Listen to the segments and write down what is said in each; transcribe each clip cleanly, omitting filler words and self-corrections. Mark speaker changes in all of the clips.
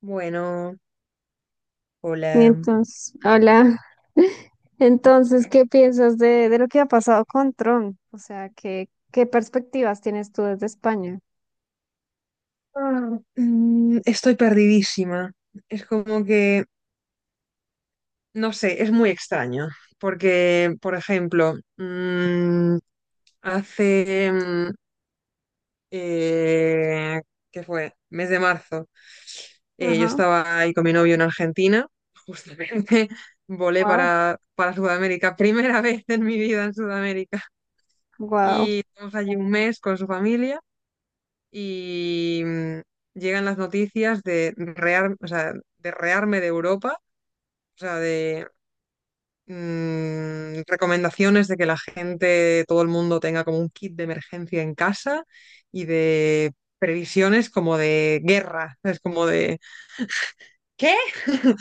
Speaker 1: Bueno,
Speaker 2: Y
Speaker 1: hola.
Speaker 2: entonces, hola. Entonces, ¿qué piensas de lo que ha pasado con Trump? O sea, ¿qué perspectivas tienes tú desde España?
Speaker 1: Estoy perdidísima. Es como no sé, es muy extraño. Porque, por ejemplo, hace, mm, eh, ¿qué fue? Mes de marzo, yo
Speaker 2: Ajá,
Speaker 1: estaba ahí con mi novio en Argentina. Justamente volé
Speaker 2: wow,
Speaker 1: para Sudamérica, primera vez en mi vida en Sudamérica.
Speaker 2: wow.
Speaker 1: Y estamos allí un mes con su familia. Y llegan las noticias o sea, de rearme de Europa, o sea, de recomendaciones de que la gente, todo el mundo tenga como un kit de emergencia en casa y de previsiones como de guerra, es como de ¿qué?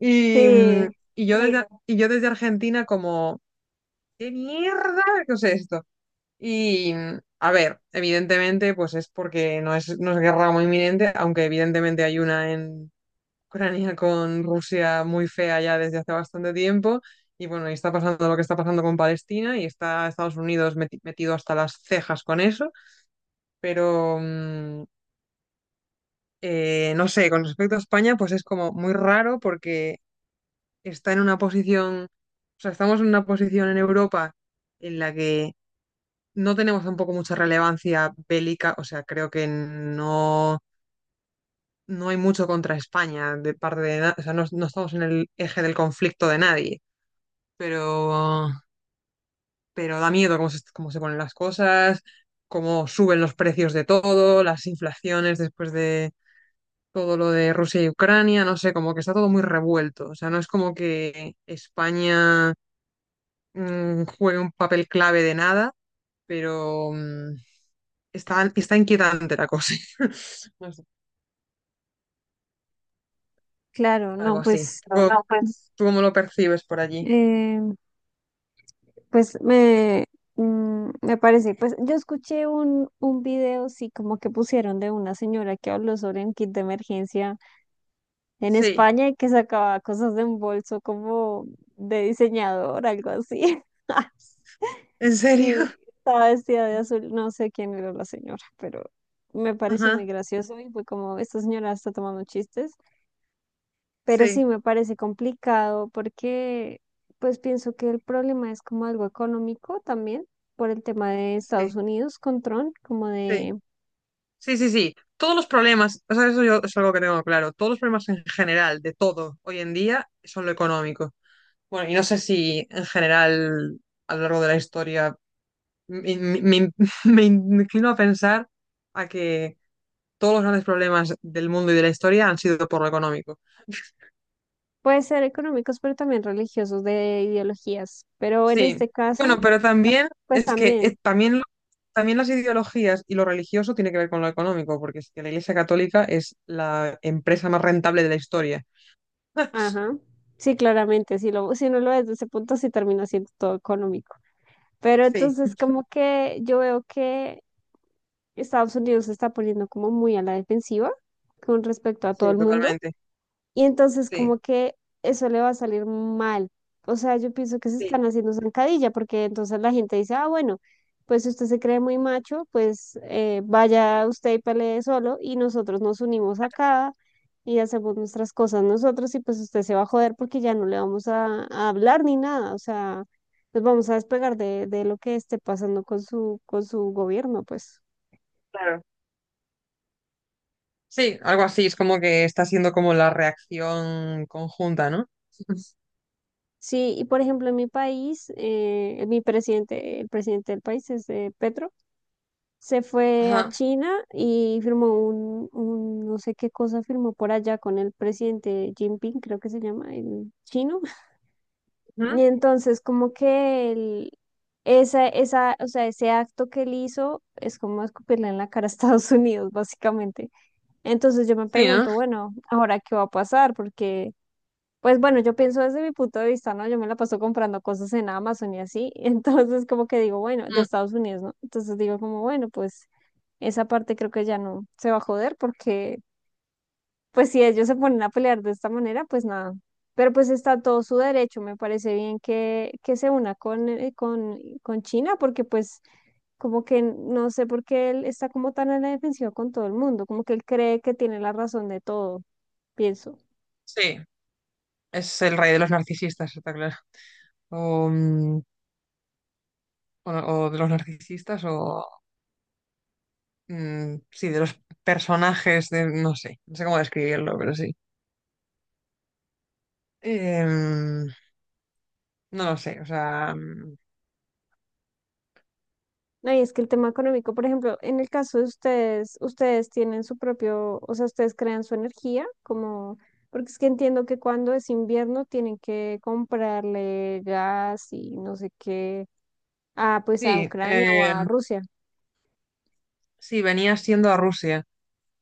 Speaker 1: Y,
Speaker 2: Sí,
Speaker 1: y yo desde Argentina como ¿qué mierda? ¿Qué es esto? Y, a ver, evidentemente, pues es porque no es guerra muy inminente, aunque evidentemente hay una en Ucrania con Rusia muy fea ya desde hace bastante tiempo. Y bueno, y está pasando lo que está pasando con Palestina y está Estados Unidos metido hasta las cejas con eso. Pero, no sé, con respecto a España, pues es como muy raro porque está en una posición, estamos en una posición en Europa en la que no tenemos tampoco mucha relevancia bélica, o sea, creo que no hay mucho contra España de parte de, na- o sea, no estamos en el eje del conflicto de nadie, pero, pero da miedo cómo se ponen las cosas, cómo suben los precios de todo, las inflaciones después de todo lo de Rusia y Ucrania, no sé, como que está todo muy revuelto, o sea, no es como que España juegue un papel clave de nada, pero... está inquietante la cosa. No sé,
Speaker 2: claro,
Speaker 1: algo
Speaker 2: no,
Speaker 1: así.
Speaker 2: pues,
Speaker 1: Pero ¿Tú, No, pues ¿tú cómo lo percibes por allí?
Speaker 2: eh, pues me, me parece, pues yo escuché un video, sí, como que pusieron de una señora que habló sobre un kit de emergencia en
Speaker 1: Sí.
Speaker 2: España y que sacaba cosas de un bolso como de diseñador, algo así.
Speaker 1: ¿En serio?
Speaker 2: Y estaba vestida de azul, no sé quién era la señora, pero me pareció muy
Speaker 1: Ajá.
Speaker 2: gracioso y fue como, esta señora está tomando chistes, pero sí
Speaker 1: Sí,
Speaker 2: me parece complicado porque pues pienso que el problema es como algo económico también por el tema de Estados
Speaker 1: sí,
Speaker 2: Unidos con Trump,
Speaker 1: sí. Sí, sí, sí. Todos los problemas, o sea, eso yo es algo que tengo claro. Todos los problemas en general de todo hoy en día son lo económico. Bueno, y no sé si en general a lo largo de la historia me, me- me- me inclino a pensar a que todos los grandes problemas del mundo y de la historia han sido por lo económico.
Speaker 2: puede ser económicos, pero también religiosos de ideologías, pero en
Speaker 1: Sí,
Speaker 2: este
Speaker 1: bueno,
Speaker 2: caso,
Speaker 1: pero también
Speaker 2: pues
Speaker 1: es que
Speaker 2: también,
Speaker 1: también, también las ideologías y lo religioso tiene que ver con lo económico, porque es que la Iglesia Católica es la empresa más rentable de la historia.
Speaker 2: ajá, sí, claramente, si lo, si no lo ves desde ese punto, sí termina siendo todo económico. Pero
Speaker 1: Sí,
Speaker 2: entonces como que yo veo que Estados Unidos se está poniendo como muy a la defensiva con respecto a
Speaker 1: sí,
Speaker 2: todo el mundo.
Speaker 1: totalmente.
Speaker 2: Y entonces como
Speaker 1: Sí,
Speaker 2: que eso le va a salir mal. O sea, yo pienso que se
Speaker 1: sí,
Speaker 2: están haciendo zancadilla porque entonces la gente dice, ah, bueno, pues si usted se cree muy macho, pues vaya usted y pelee solo y nosotros nos unimos acá y hacemos nuestras cosas nosotros y pues usted se va a joder porque ya no le vamos a hablar ni nada. O sea, nos vamos a despegar de lo que esté pasando con con su gobierno, pues.
Speaker 1: claro. Sí, algo así, es como que está siendo como la reacción conjunta, ¿no?
Speaker 2: Sí, y por ejemplo en mi país, mi presidente, el presidente del país es Petro. Se fue a
Speaker 1: Ajá.
Speaker 2: China y firmó un no sé qué cosa firmó por allá con el presidente Jinping, creo que se llama, el chino.
Speaker 1: Ujú.
Speaker 2: Y entonces como que el, esa, o sea, Ese acto que él hizo es como escupirle en la cara a Estados Unidos, básicamente. Entonces yo me
Speaker 1: Sí, ¿no?
Speaker 2: pregunto, bueno, ¿ahora qué va a pasar? Porque... Pues bueno, yo pienso desde mi punto de vista, ¿no? Yo me la paso comprando cosas en Amazon y así, entonces como que digo, bueno, de
Speaker 1: Mm.
Speaker 2: Estados Unidos, ¿no? Entonces digo como, bueno, pues esa parte creo que ya no se va a joder porque, pues si ellos se ponen a pelear de esta manera, pues nada. Pero pues está todo su derecho. Me parece bien que se una con China porque pues como que no sé por qué él está como tan en la defensiva con todo el mundo, como que él cree que tiene la razón de todo, pienso.
Speaker 1: Sí, es el rey de los narcisistas, está claro. O, mm, o- o de los narcisistas o sí, de los personajes, de, no sé, no sé cómo describirlo, pero sí. Em, no lo sé, o sea,
Speaker 2: No, y es que el tema económico, por ejemplo, en el caso de ustedes, ustedes tienen su propio, o sea, ustedes crean su energía, como, porque es que entiendo que cuando es invierno tienen que comprarle gas y no sé qué, ah, pues a
Speaker 1: sí,
Speaker 2: Ucrania o a Rusia.
Speaker 1: sí, venía siendo a Rusia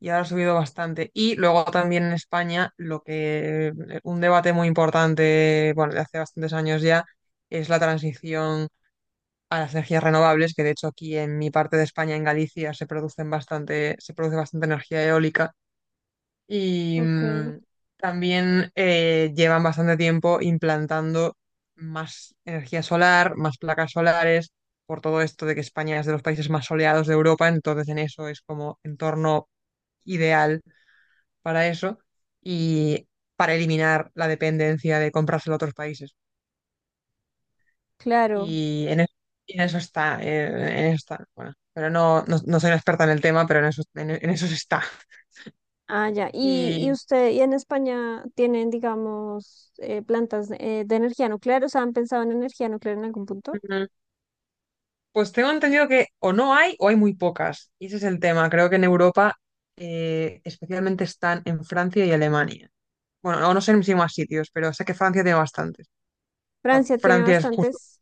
Speaker 1: y ahora ha subido bastante. Y luego también en España, lo que, un debate muy importante, bueno, de hace bastantes años ya, es la transición a las energías renovables, que de hecho aquí en mi parte de España, en Galicia, se produce bastante energía eólica. Y
Speaker 2: Ok,
Speaker 1: también llevan bastante tiempo implantando más energía solar, más placas solares, por todo esto de que España es de los países más soleados de Europa, entonces en eso es como entorno ideal para eso y para eliminar la dependencia de comprárselo a otros países.
Speaker 2: claro.
Speaker 1: Y en, es- y en eso está, en eso está, bueno, pero no soy una experta en el tema, pero en eso, en eso se está.
Speaker 2: Ah, ya. Y
Speaker 1: Y,
Speaker 2: usted, y en España tienen, digamos, plantas de energía nuclear, o sea, ¿han pensado en energía nuclear en algún punto?
Speaker 1: pues tengo entendido que o no hay o hay muy pocas. Y ese es el tema. Creo que en Europa especialmente están en Francia y Alemania. Bueno, o no sé si más sitios, pero sé que Francia tiene bastantes. O sea,
Speaker 2: Francia tiene
Speaker 1: Francia es justo.
Speaker 2: bastantes.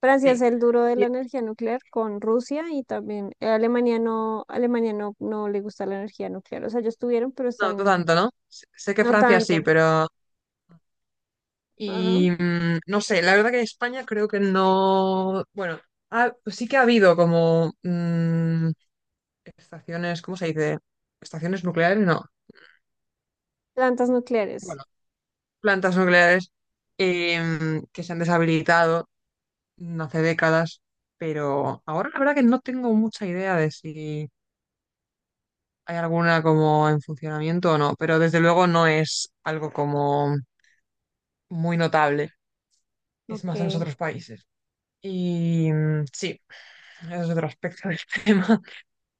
Speaker 2: Francia es
Speaker 1: Sí.
Speaker 2: el duro de
Speaker 1: Y-
Speaker 2: la energía nuclear con Rusia y también Alemania no, no le gusta la energía nuclear. O sea, ellos tuvieron, pero
Speaker 1: no, no
Speaker 2: están,
Speaker 1: tanto, ¿no? Sé que
Speaker 2: no
Speaker 1: Francia
Speaker 2: tanto.
Speaker 1: sí, pero...
Speaker 2: Ajá.
Speaker 1: Y no sé, la verdad que en España creo que no... Bueno, sí que ha habido como estaciones, ¿cómo se dice? Estaciones nucleares, no.
Speaker 2: Plantas nucleares.
Speaker 1: Bueno, plantas nucleares, que se han deshabilitado no hace décadas, pero ahora la verdad que no tengo mucha idea de si hay alguna como en funcionamiento o no, pero desde luego no es algo como muy notable, es más en los
Speaker 2: Ok,
Speaker 1: otros países. Y sí, ese es otro aspecto del tema.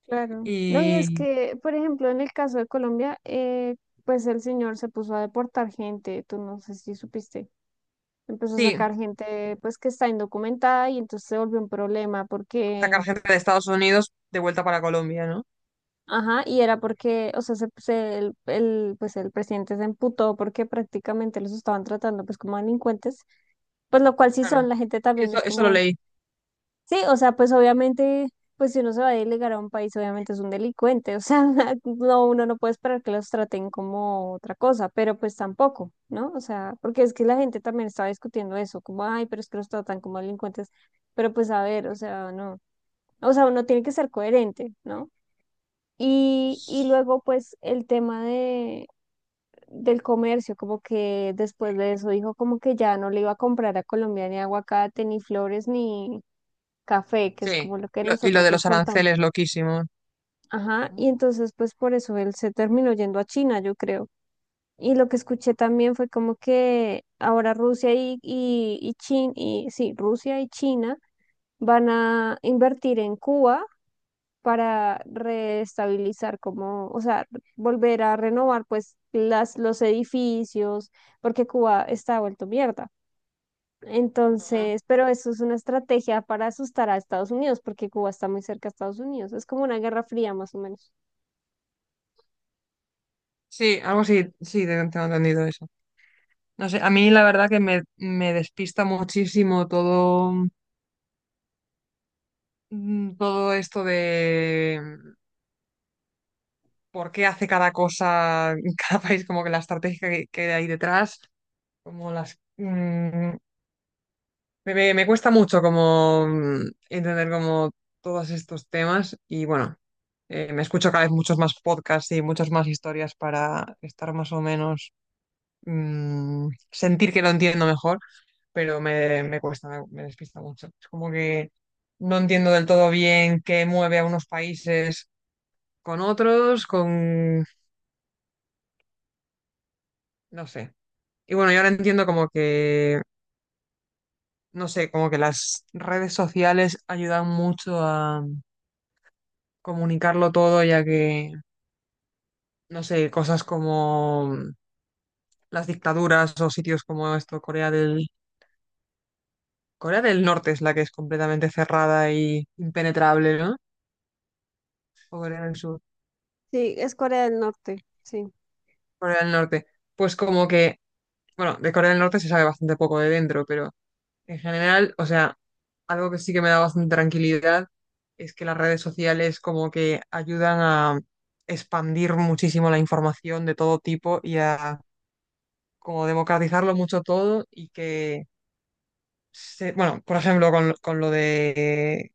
Speaker 2: claro. No, y es
Speaker 1: Y
Speaker 2: que, por ejemplo, en el caso de Colombia, pues el señor se puso a deportar gente, tú no sé si supiste. Empezó a
Speaker 1: sí,
Speaker 2: sacar gente pues que está indocumentada y entonces se volvió un problema porque
Speaker 1: sacar gente de Estados Unidos de vuelta para Colombia, ¿no?
Speaker 2: ajá, y era porque, o sea, pues el presidente se emputó porque prácticamente los estaban tratando pues como delincuentes, pues lo cual sí
Speaker 1: Claro.
Speaker 2: son, la gente también
Speaker 1: Eso,
Speaker 2: es
Speaker 1: eso lo
Speaker 2: como,
Speaker 1: leí,
Speaker 2: sí, o sea, pues obviamente, pues si uno se va a delegar a un país, obviamente es un delincuente, o sea, no, uno no puede esperar que los traten como otra cosa, pero pues tampoco, ¿no? O sea, porque es que la gente también estaba discutiendo eso, como, ay, pero es que los tratan como delincuentes, pero pues a ver, o sea, no, o sea, uno tiene que ser coherente, ¿no? Y luego pues el tema de, del comercio, como que después de eso dijo como que ya no le iba a comprar a Colombia ni aguacate, ni flores, ni café, que es
Speaker 1: sí.
Speaker 2: como lo que
Speaker 1: Y lo
Speaker 2: nosotros
Speaker 1: de los
Speaker 2: exportamos.
Speaker 1: aranceles, loquísimo.
Speaker 2: Ajá, y entonces pues por eso él se terminó yendo a China, yo creo. Y lo que escuché también fue como que ahora Rusia y sí, Rusia y China van a invertir en Cuba para reestabilizar como, o sea, volver a renovar pues las, los edificios, porque Cuba está vuelto mierda.
Speaker 1: Ujú.
Speaker 2: Entonces, pero eso es una estrategia para asustar a Estados Unidos, porque Cuba está muy cerca a Estados Unidos. Es como una guerra fría más o menos.
Speaker 1: Sí, algo así, sí, tengo entendido eso. No sé, a mí la verdad que me despista muchísimo todo, todo esto de por qué hace cada cosa en cada país, como que la estrategia que hay detrás, como las... me cuesta mucho como entender como todos estos temas y bueno, me escucho cada vez muchos más podcasts y muchas más historias para estar más o menos, sentir que lo entiendo mejor. Pero me cuesta, me despista mucho. Es como que no entiendo del todo bien qué mueve a unos países con otros, con... no sé. Y bueno, yo ahora entiendo como no sé, como que las redes sociales ayudan mucho a comunicarlo todo, ya que, no sé, cosas como las dictaduras o sitios como esto, Corea del Norte es la que es completamente cerrada y impenetrable, ¿no? O Corea del Sur.
Speaker 2: Sí, es Corea del Norte, sí.
Speaker 1: Corea del Norte. Pues como que, bueno, de Corea del Norte se sabe bastante poco de dentro, pero en general, o sea, algo que sí que me da bastante tranquilidad es que las redes sociales como que ayudan a expandir muchísimo la información de todo tipo y a como democratizarlo mucho todo y que, bueno, por ejemplo,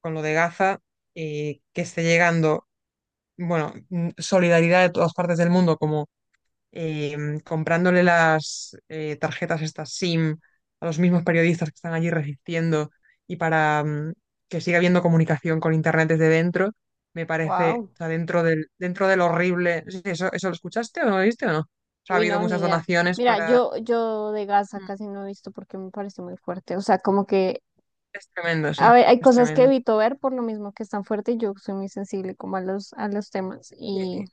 Speaker 1: con lo de Gaza, que esté llegando, bueno, solidaridad de todas partes del mundo como comprándole las tarjetas estas SIM a los mismos periodistas que están allí resistiendo y para que siga habiendo comunicación con Internet desde dentro, me parece,
Speaker 2: Wow.
Speaker 1: o sea, dentro del horrible, sí, ¿eso, eso lo escuchaste o no lo viste o no? O sea, ha
Speaker 2: Uy,
Speaker 1: habido
Speaker 2: no, ni
Speaker 1: muchas
Speaker 2: idea.
Speaker 1: donaciones
Speaker 2: Mira,
Speaker 1: para...
Speaker 2: yo de Gaza
Speaker 1: Mm.
Speaker 2: casi no he visto porque me parece muy fuerte. O sea, como que
Speaker 1: Es tremendo,
Speaker 2: a
Speaker 1: sí,
Speaker 2: ver, hay
Speaker 1: es
Speaker 2: cosas que
Speaker 1: tremendo.
Speaker 2: evito ver por lo mismo que es tan fuerte y yo soy muy sensible como a a los temas
Speaker 1: Sí,
Speaker 2: y
Speaker 1: sí,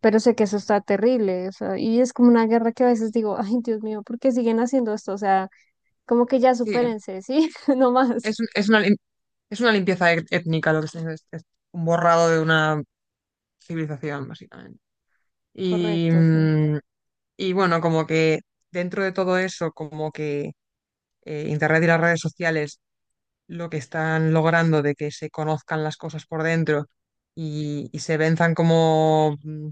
Speaker 2: pero sé que eso está terrible, o sea, y es como una guerra que a veces
Speaker 1: es,
Speaker 2: digo, ay, Dios mío, ¿por qué siguen haciendo esto? O sea, como que ya
Speaker 1: sí,
Speaker 2: supérense, ¿sí? No más.
Speaker 1: es un- es una, lim- es una limpieza étnica lo que es, es un borrado de una civilización, básicamente. Y,
Speaker 2: Correcto, sí.
Speaker 1: y bueno, como que dentro de todo eso, como que Internet y las redes sociales lo que están logrando de que se conozcan las cosas por dentro y se venzan como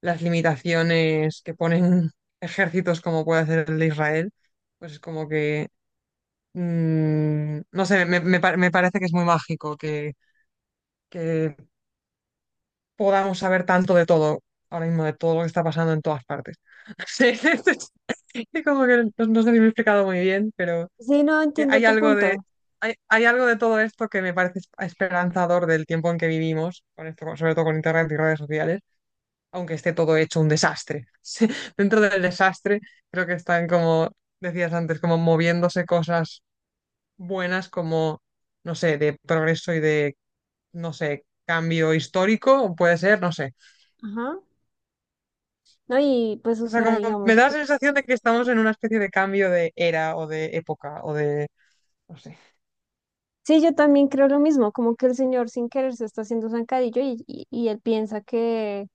Speaker 1: las limitaciones que ponen ejércitos como puede hacer el de Israel, pues es como que, no sé, me parece que es muy mágico que podamos saber tanto de todo, ahora mismo de todo lo que está pasando en todas partes. Sí, es como que no, no sé si me he explicado muy bien, pero...
Speaker 2: Sí, no
Speaker 1: que
Speaker 2: entiendo
Speaker 1: hay
Speaker 2: tu
Speaker 1: algo de,
Speaker 2: punto.
Speaker 1: hay algo de todo esto que me parece esperanzador del tiempo en que vivimos, con esto, sobre todo con internet y redes sociales, aunque esté todo hecho un desastre. Sí, dentro del desastre, creo que están como decías antes, como moviéndose cosas buenas, como, no sé, de progreso y de, no sé, cambio histórico, puede ser, no sé.
Speaker 2: Ajá. No, y pues, o
Speaker 1: O sea,
Speaker 2: sea,
Speaker 1: como me
Speaker 2: digamos
Speaker 1: da la
Speaker 2: que
Speaker 1: sensación de que estamos en una especie de cambio de era o de época o de, no sé.
Speaker 2: sí, yo también creo lo mismo, como que el señor sin querer se está haciendo zancadillo y él piensa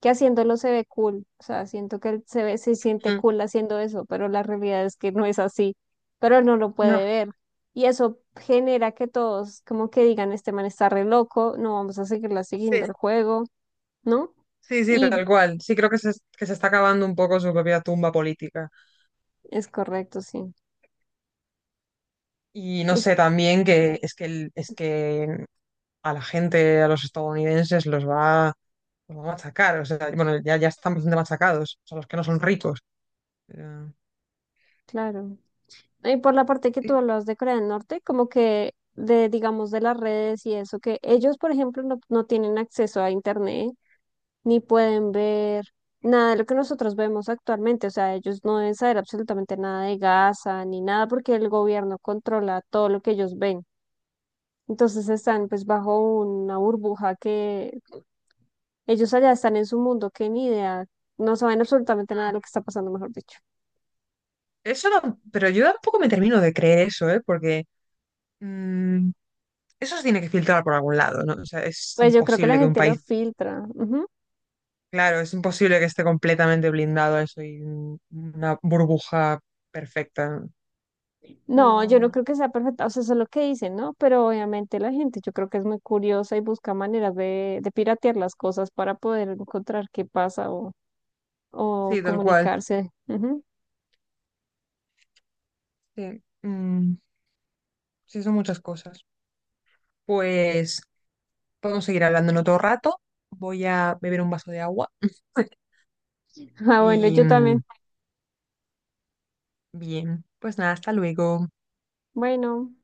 Speaker 2: que haciéndolo se ve cool, o sea, siento que él se ve, se siente
Speaker 1: Mm.
Speaker 2: cool haciendo eso, pero la realidad es que no es así, pero él no lo puede
Speaker 1: No.
Speaker 2: ver. Y eso genera que todos como que digan, este man está re loco, no vamos a seguirla siguiendo el
Speaker 1: Sí.
Speaker 2: juego, ¿no?
Speaker 1: Sí, sí,
Speaker 2: Y
Speaker 1: tal cual. Sí creo que que se está acabando un poco su propia tumba política.
Speaker 2: es correcto, sí.
Speaker 1: Y no
Speaker 2: Y
Speaker 1: sé, también que es que, es que a los estadounidenses, los va a machacar. O sea, bueno, ya, ya están bastante machacados, o sea, los que no son ricos. Pero-
Speaker 2: claro. Y por la parte que tú
Speaker 1: y
Speaker 2: hablabas de Corea del Norte, como que de, digamos, de las redes y eso, que ellos, por ejemplo, no tienen acceso a internet ni pueden ver nada de lo que nosotros vemos actualmente. O sea, ellos no deben saber absolutamente nada de Gaza ni nada porque el gobierno controla todo lo que ellos ven. Entonces están pues bajo una burbuja que ellos allá están en su mundo que ni idea, no saben absolutamente nada de lo que está pasando, mejor dicho.
Speaker 1: eso no, pero yo tampoco me termino de creer eso, ¿eh? Porque mm, eso se tiene que filtrar por algún lado, ¿no? O sea, es
Speaker 2: Pues yo creo que la
Speaker 1: imposible que un
Speaker 2: gente lo
Speaker 1: país,
Speaker 2: filtra. Ujú.
Speaker 1: claro, es imposible que esté completamente blindado a eso y una burbuja perfecta.
Speaker 2: No, yo no
Speaker 1: Mm.
Speaker 2: creo que sea perfecta, o sea, eso es lo que dicen, ¿no? Pero obviamente la gente yo creo que es muy curiosa y busca maneras de piratear las cosas para poder encontrar qué pasa o
Speaker 1: Sí, tal cual.
Speaker 2: comunicarse. Ujú.
Speaker 1: Sí, sí, son muchas cosas. Pues podemos seguir hablando en otro rato. Voy a beber un vaso de agua.
Speaker 2: Ah, bueno,
Speaker 1: Y
Speaker 2: yo también.
Speaker 1: bien, pues nada, hasta luego.
Speaker 2: Bueno.